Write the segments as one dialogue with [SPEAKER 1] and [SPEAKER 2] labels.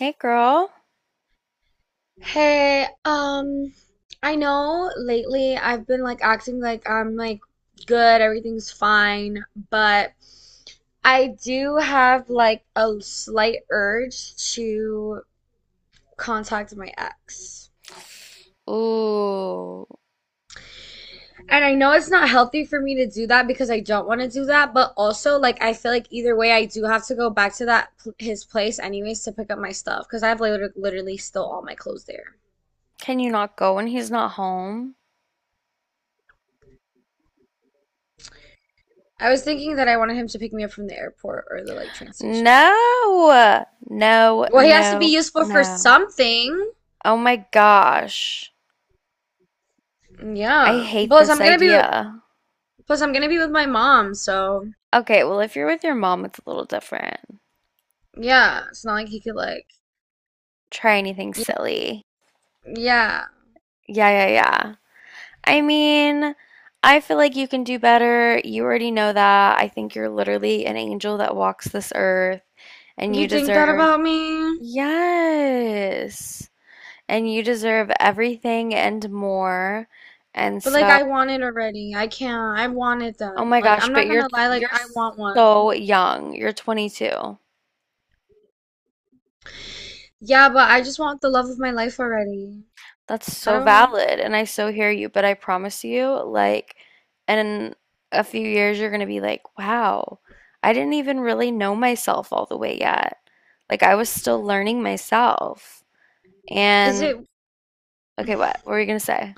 [SPEAKER 1] Hey girl.
[SPEAKER 2] Hey, I know lately I've been like acting like I'm like good, everything's fine, but I do have like a slight urge to contact my ex.
[SPEAKER 1] Ooh.
[SPEAKER 2] And I know it's not healthy for me to do that because I don't want to do that, but also like I feel like either way I do have to go back to his place anyways to pick up my stuff because I have literally still all my clothes there.
[SPEAKER 1] Can you not go when he's not home?
[SPEAKER 2] I was thinking that I wanted him to pick me up from the airport or the like train station.
[SPEAKER 1] No, no,
[SPEAKER 2] Well, he has to be
[SPEAKER 1] no,
[SPEAKER 2] useful for
[SPEAKER 1] no.
[SPEAKER 2] something.
[SPEAKER 1] Oh my gosh. I
[SPEAKER 2] Yeah.
[SPEAKER 1] hate
[SPEAKER 2] Plus,
[SPEAKER 1] this
[SPEAKER 2] I'm gonna be
[SPEAKER 1] idea.
[SPEAKER 2] plus I'm gonna be with my mom, so
[SPEAKER 1] Okay, well, if you're with your mom, it's a little different.
[SPEAKER 2] yeah. It's not like he could like
[SPEAKER 1] Try anything
[SPEAKER 2] you
[SPEAKER 1] silly.
[SPEAKER 2] know, yeah.
[SPEAKER 1] Yeah, yeah, yeah. I mean, I feel like you can do better. You already know that. I think you're literally an angel that walks this earth and
[SPEAKER 2] You
[SPEAKER 1] you
[SPEAKER 2] think that
[SPEAKER 1] deserve.
[SPEAKER 2] about me?
[SPEAKER 1] Yes. And you deserve everything and more. And
[SPEAKER 2] But like
[SPEAKER 1] so,
[SPEAKER 2] I want it already. I can't. I want it
[SPEAKER 1] oh
[SPEAKER 2] done.
[SPEAKER 1] my
[SPEAKER 2] Like
[SPEAKER 1] gosh,
[SPEAKER 2] I'm
[SPEAKER 1] but
[SPEAKER 2] not
[SPEAKER 1] you're
[SPEAKER 2] gonna lie, like
[SPEAKER 1] you're
[SPEAKER 2] I want one.
[SPEAKER 1] so young. You're 22.
[SPEAKER 2] Yeah, but I just want the love of my life already.
[SPEAKER 1] That's
[SPEAKER 2] I
[SPEAKER 1] so
[SPEAKER 2] don't
[SPEAKER 1] valid, and I so hear you, but I promise you, like in a few years you're going to be like, "Wow, I didn't even really know myself all the way yet." Like I was still learning myself.
[SPEAKER 2] is
[SPEAKER 1] And
[SPEAKER 2] it? Is
[SPEAKER 1] okay, what were you going to say?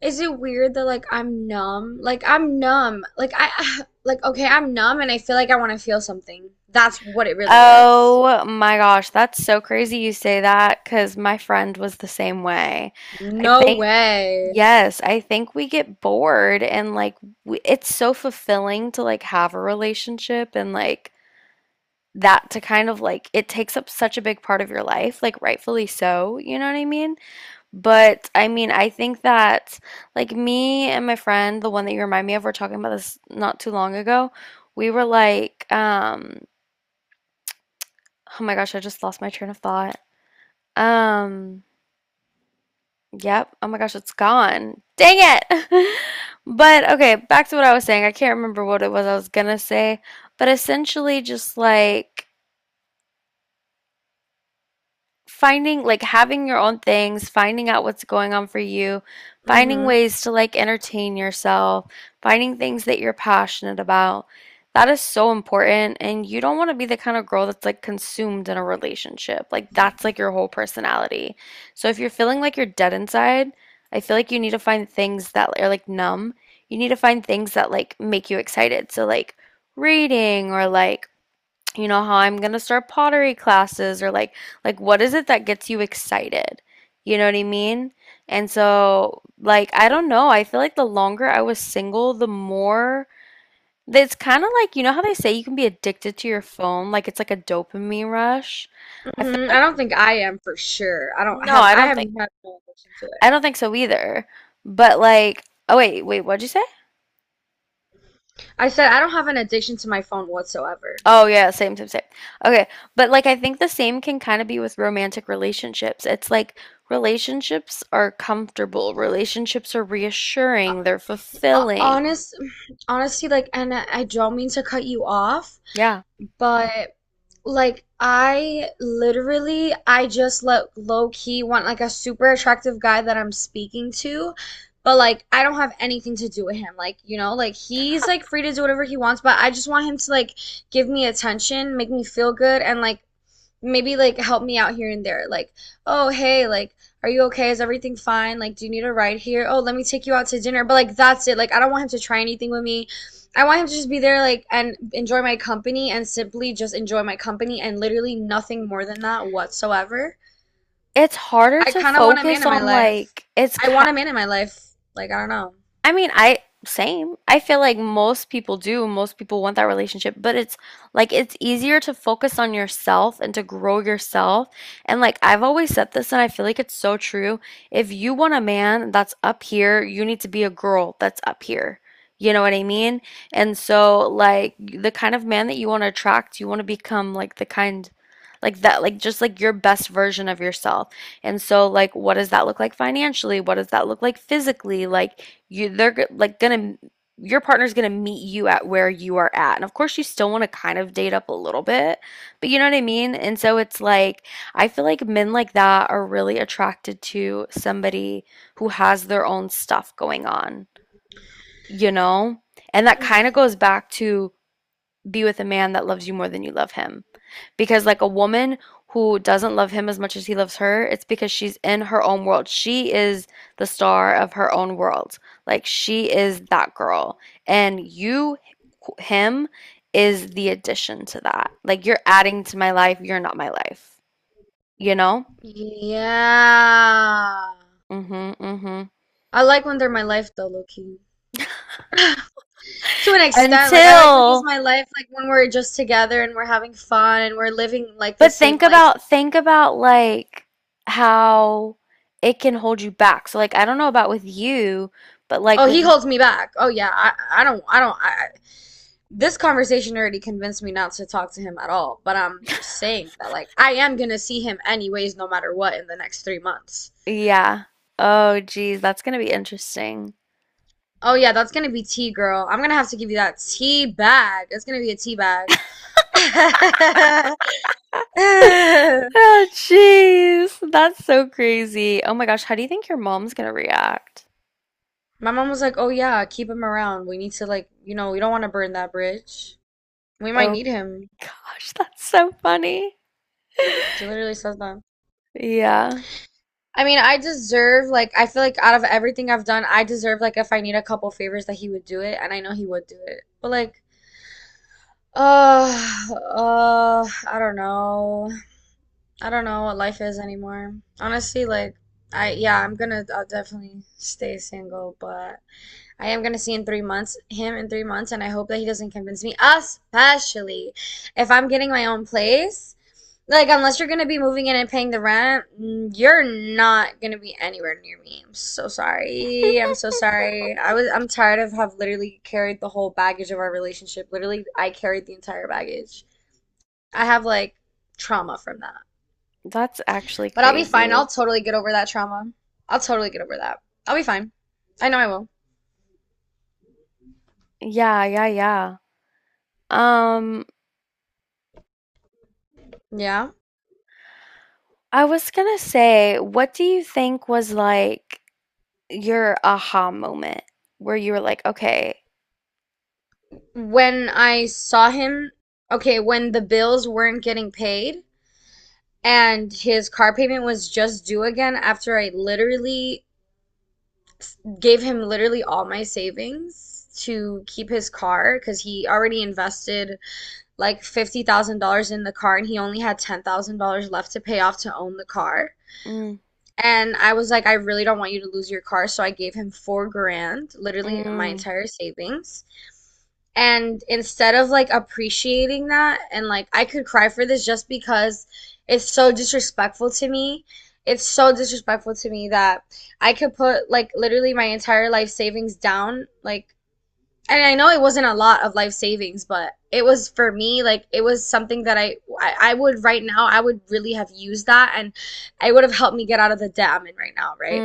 [SPEAKER 2] it weird that like I'm numb? Like I'm numb. Like I like okay, I'm numb and I feel like I want to feel something. That's what it really is.
[SPEAKER 1] Oh my gosh, that's so crazy you say that because my friend was the same way. I
[SPEAKER 2] No
[SPEAKER 1] think,
[SPEAKER 2] way.
[SPEAKER 1] yes, I think we get bored and like we, it's so fulfilling to like have a relationship and like that to kind of like it takes up such a big part of your life, like rightfully so, what I mean? But I mean, I think that like me and my friend, the one that you remind me of, we're talking about this not too long ago, we were like, oh my gosh, I just lost my train of thought. Um, yep. Oh my gosh, it's gone. Dang it. But okay, back to what I was saying. I can't remember what it was I was gonna say, but essentially just like finding like having your own things, finding out what's going on for you, finding
[SPEAKER 2] hmm
[SPEAKER 1] ways to like entertain yourself, finding things that you're passionate about. That is so important. And you don't want to be the kind of girl that's like consumed in a relationship. Like that's like your whole personality. So if you're feeling like you're dead inside, I feel like you need to find things that are like numb. You need to find things that like make you excited. So like reading or like you know how I'm gonna start pottery classes or like what is it that gets you excited? You know what I mean? And so like I don't know, I feel like the longer I was single, the more it's kind of like you know how they say you can be addicted to your phone, like it's like a dopamine rush. I feel like
[SPEAKER 2] I don't think I am for sure.
[SPEAKER 1] no,
[SPEAKER 2] I have had no addiction to it.
[SPEAKER 1] I don't think so either. But like oh wait, wait, what'd you say?
[SPEAKER 2] I said I don't have an addiction to my phone whatsoever.
[SPEAKER 1] Oh yeah, same, same, same. Okay, but like I think the same can kind of be with romantic relationships. It's like relationships are comfortable, relationships are
[SPEAKER 2] Uh,
[SPEAKER 1] reassuring, they're
[SPEAKER 2] uh,
[SPEAKER 1] fulfilling.
[SPEAKER 2] honest, honestly, like, and I don't mean to cut you off,
[SPEAKER 1] Yeah.
[SPEAKER 2] but like I just let low key want like a super attractive guy that I'm speaking to, but like I don't have anything to do with him. Like, you know, like he's like free to do whatever he wants, but I just want him to like give me attention, make me feel good and like maybe like help me out here and there. Like, oh, hey, like, are you okay? Is everything fine? Like, do you need a ride here? Oh, let me take you out to dinner. But like, that's it. Like, I don't want him to try anything with me. I want him to just be there, like, and enjoy my company and simply just enjoy my company and literally nothing more than that whatsoever.
[SPEAKER 1] It's harder
[SPEAKER 2] I
[SPEAKER 1] to
[SPEAKER 2] kind of want a man
[SPEAKER 1] focus
[SPEAKER 2] in my
[SPEAKER 1] on
[SPEAKER 2] life.
[SPEAKER 1] like it's
[SPEAKER 2] I
[SPEAKER 1] ki
[SPEAKER 2] want a man in my life. Like, I don't know.
[SPEAKER 1] I mean, I same. I feel like most people do. Most people want that relationship, but it's like it's easier to focus on yourself and to grow yourself. And like I've always said this and I feel like it's so true. If you want a man that's up here, you need to be a girl that's up here. You know what I mean? And so like the kind of man that you want to attract, you want to become like the kind like that like just like your best version of yourself. And so like what does that look like financially? What does that look like physically? Like you they're g- like gonna your partner's gonna meet you at where you are at and of course you still want to kind of date up a little bit but you know what I mean and so it's like I feel like men like that are really attracted to somebody who has their own stuff going on, you know, and that kind of goes back to be with a man that loves you more than you love him because like a woman who doesn't love him as much as he loves her, it's because she's in her own world. She is the star of her own world. Like she is that girl. And you him is the addition to that. Like you're adding to my life, you're not my life. You know?
[SPEAKER 2] Yeah.
[SPEAKER 1] Mhm, mhm.
[SPEAKER 2] I like when they're my life though, low key. To an extent. Like I like when he's
[SPEAKER 1] Until
[SPEAKER 2] my life, like when we're just together and we're having fun and we're living like the
[SPEAKER 1] but
[SPEAKER 2] same life.
[SPEAKER 1] think about like how it can hold you back. So like I don't know about with you, but like
[SPEAKER 2] Oh, he
[SPEAKER 1] with
[SPEAKER 2] holds me back. Oh yeah, I don't I don't I- this conversation already convinced me not to talk to him at all, but I'm just saying that like I am gonna see him anyways no matter what in the next three months.
[SPEAKER 1] yeah. Oh, geez, that's gonna be interesting.
[SPEAKER 2] Oh yeah, that's gonna be tea, girl. I'm gonna have to give you that tea bag. It's gonna be a tea bag.
[SPEAKER 1] Oh, jeez, that's so crazy. Oh my gosh, how do you think your mom's gonna react?
[SPEAKER 2] My mom was like, "Oh yeah, keep him around. We need to like, you know, we don't want to burn that bridge." We might
[SPEAKER 1] Oh
[SPEAKER 2] need him.
[SPEAKER 1] gosh, that's so funny.
[SPEAKER 2] She literally says that.
[SPEAKER 1] Yeah,
[SPEAKER 2] I mean, I deserve, like, I feel like out of everything I've done, I deserve, like, if I need a couple favors, that he would do it, and I know he would do it. But, like, uh, I don't know. I don't know what life is anymore. Honestly, like, yeah, I'll definitely stay single, but I am gonna see in three months, him in three months, and I hope that he doesn't convince me, especially if I'm getting my own place. Like, unless you're gonna be moving in and paying the rent, mm, you're not gonna be anywhere near me. I'm so sorry. I'm so sorry. I'm tired of have literally carried the whole baggage of our relationship. Literally, I carried the entire baggage. I have like trauma from that.
[SPEAKER 1] that's actually
[SPEAKER 2] But I'll be fine. I'll
[SPEAKER 1] crazy.
[SPEAKER 2] totally get over that trauma. I'll totally get over that. I'll be fine. I know I will.
[SPEAKER 1] Yeah, yeah, yeah. Um,
[SPEAKER 2] Yeah.
[SPEAKER 1] I was gonna say, what do you think was like your aha moment where you were like, okay,
[SPEAKER 2] When I saw him, okay, when the bills weren't getting paid, and his car payment was just due again after I literally gave him literally all my savings to keep his car because he already invested like $50,000 in the car and he only had $10,000 left to pay off to own the car.
[SPEAKER 1] mm,
[SPEAKER 2] And I was like, I really don't want you to lose your car. So I gave him 4 grand, literally my
[SPEAKER 1] mm,
[SPEAKER 2] entire savings. And instead of like appreciating that, and like I could cry for this just because it's so disrespectful to me. It's so disrespectful to me that I could put like literally my entire life savings down, like and I know it wasn't a lot of life savings, but it was for me like it was something that I would right now I would really have used that and it would have helped me get out of the debt I'm in right now, right?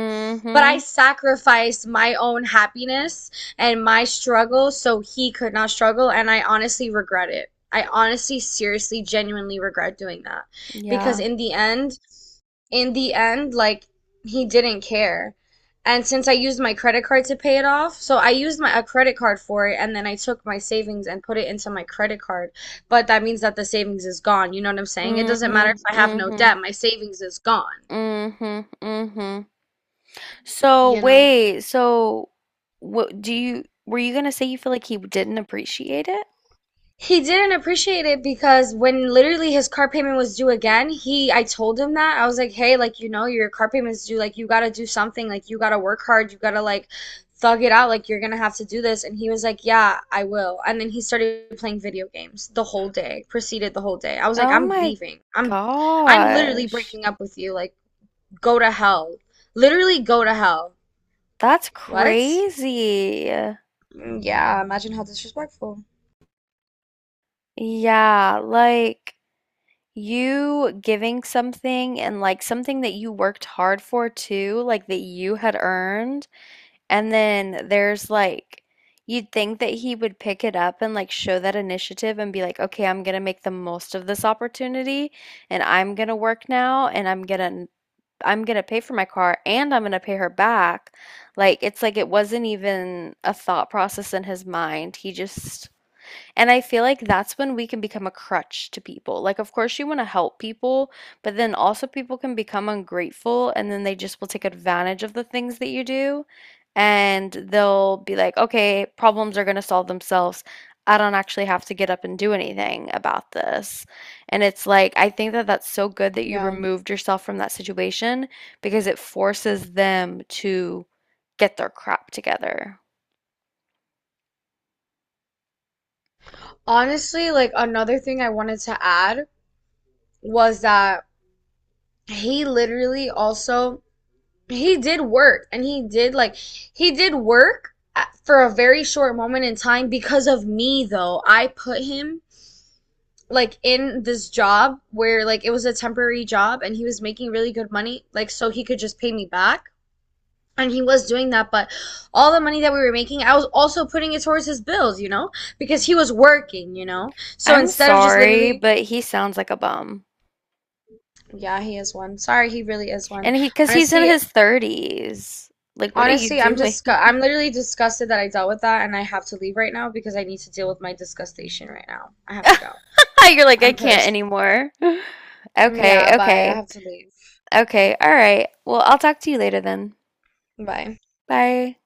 [SPEAKER 2] But I sacrificed my own happiness and my struggle so he could not struggle, and I honestly regret it. I honestly, seriously, genuinely regret doing that because
[SPEAKER 1] yeah,
[SPEAKER 2] in the end, like he didn't care. And since I used my credit card to pay it off, so I used my a credit card for it, and then I took my savings and put it into my credit card. But that means that the savings is gone. You know what I'm saying? It doesn't
[SPEAKER 1] mm-hmm,
[SPEAKER 2] matter if I have no
[SPEAKER 1] mm-hmm.
[SPEAKER 2] debt, my savings is gone,
[SPEAKER 1] Mm-hmm. Mm-hmm. So
[SPEAKER 2] you know?
[SPEAKER 1] wait, so what do you were you gonna say you feel like he didn't appreciate it?
[SPEAKER 2] He didn't appreciate it because when literally his car payment was due again, he I told him that. I was like, "Hey, like you know, your car payment's due. Like you got to do something. Like you got to work hard. You got to like thug it out. Like you're going to have to do this." And he was like, "Yeah, I will." And then he started playing video games the whole day. Proceeded the whole day. I was like,
[SPEAKER 1] Oh
[SPEAKER 2] "I'm
[SPEAKER 1] my
[SPEAKER 2] leaving. I'm literally
[SPEAKER 1] gosh.
[SPEAKER 2] breaking up with you. Like go to hell. Literally go to hell."
[SPEAKER 1] That's
[SPEAKER 2] What?
[SPEAKER 1] crazy.
[SPEAKER 2] Yeah, imagine how disrespectful.
[SPEAKER 1] Yeah, like you giving something and like something that you worked hard for too, like that you had earned. And then there's like, you'd think that he would pick it up and like show that initiative and be like, okay, I'm gonna make the most of this opportunity and I'm gonna work now and I'm gonna pay for my car and I'm gonna pay her back. Like it's like it wasn't even a thought process in his mind. He just and I feel like that's when we can become a crutch to people. Like, of course, you want to help people, but then also people can become ungrateful and then they just will take advantage of the things that you do. And they'll be like, okay, problems are going to solve themselves. I don't actually have to get up and do anything about this. And it's like, I think that that's so good that you
[SPEAKER 2] Yeah.
[SPEAKER 1] removed yourself from that situation because it forces them to get their crap together.
[SPEAKER 2] Honestly, like another thing I wanted to add was that he literally also he did work and he did work for a very short moment in time because of me though. I put him like in this job where like it was a temporary job and he was making really good money like so he could just pay me back. And he was doing that, but all the money that we were making, I was also putting it towards his bills, you know, because he was working, you know. So
[SPEAKER 1] I'm
[SPEAKER 2] instead of just
[SPEAKER 1] sorry,
[SPEAKER 2] literally,
[SPEAKER 1] but he sounds like a bum.
[SPEAKER 2] yeah, he is one. Sorry, he really is one.
[SPEAKER 1] And he, because he's in
[SPEAKER 2] Honestly,
[SPEAKER 1] his 30s. Like, what are you
[SPEAKER 2] Honestly,
[SPEAKER 1] doing?
[SPEAKER 2] I'm literally disgusted that I dealt with that and I have to leave right now because I need to deal with my disgustation right now. I have to go.
[SPEAKER 1] You're like, I
[SPEAKER 2] I'm
[SPEAKER 1] can't
[SPEAKER 2] pissed.
[SPEAKER 1] anymore.
[SPEAKER 2] Mm,
[SPEAKER 1] Okay,
[SPEAKER 2] yeah, bye. I
[SPEAKER 1] okay,
[SPEAKER 2] have to leave.
[SPEAKER 1] okay. All right. Well, I'll talk to you later then.
[SPEAKER 2] Bye.
[SPEAKER 1] Bye.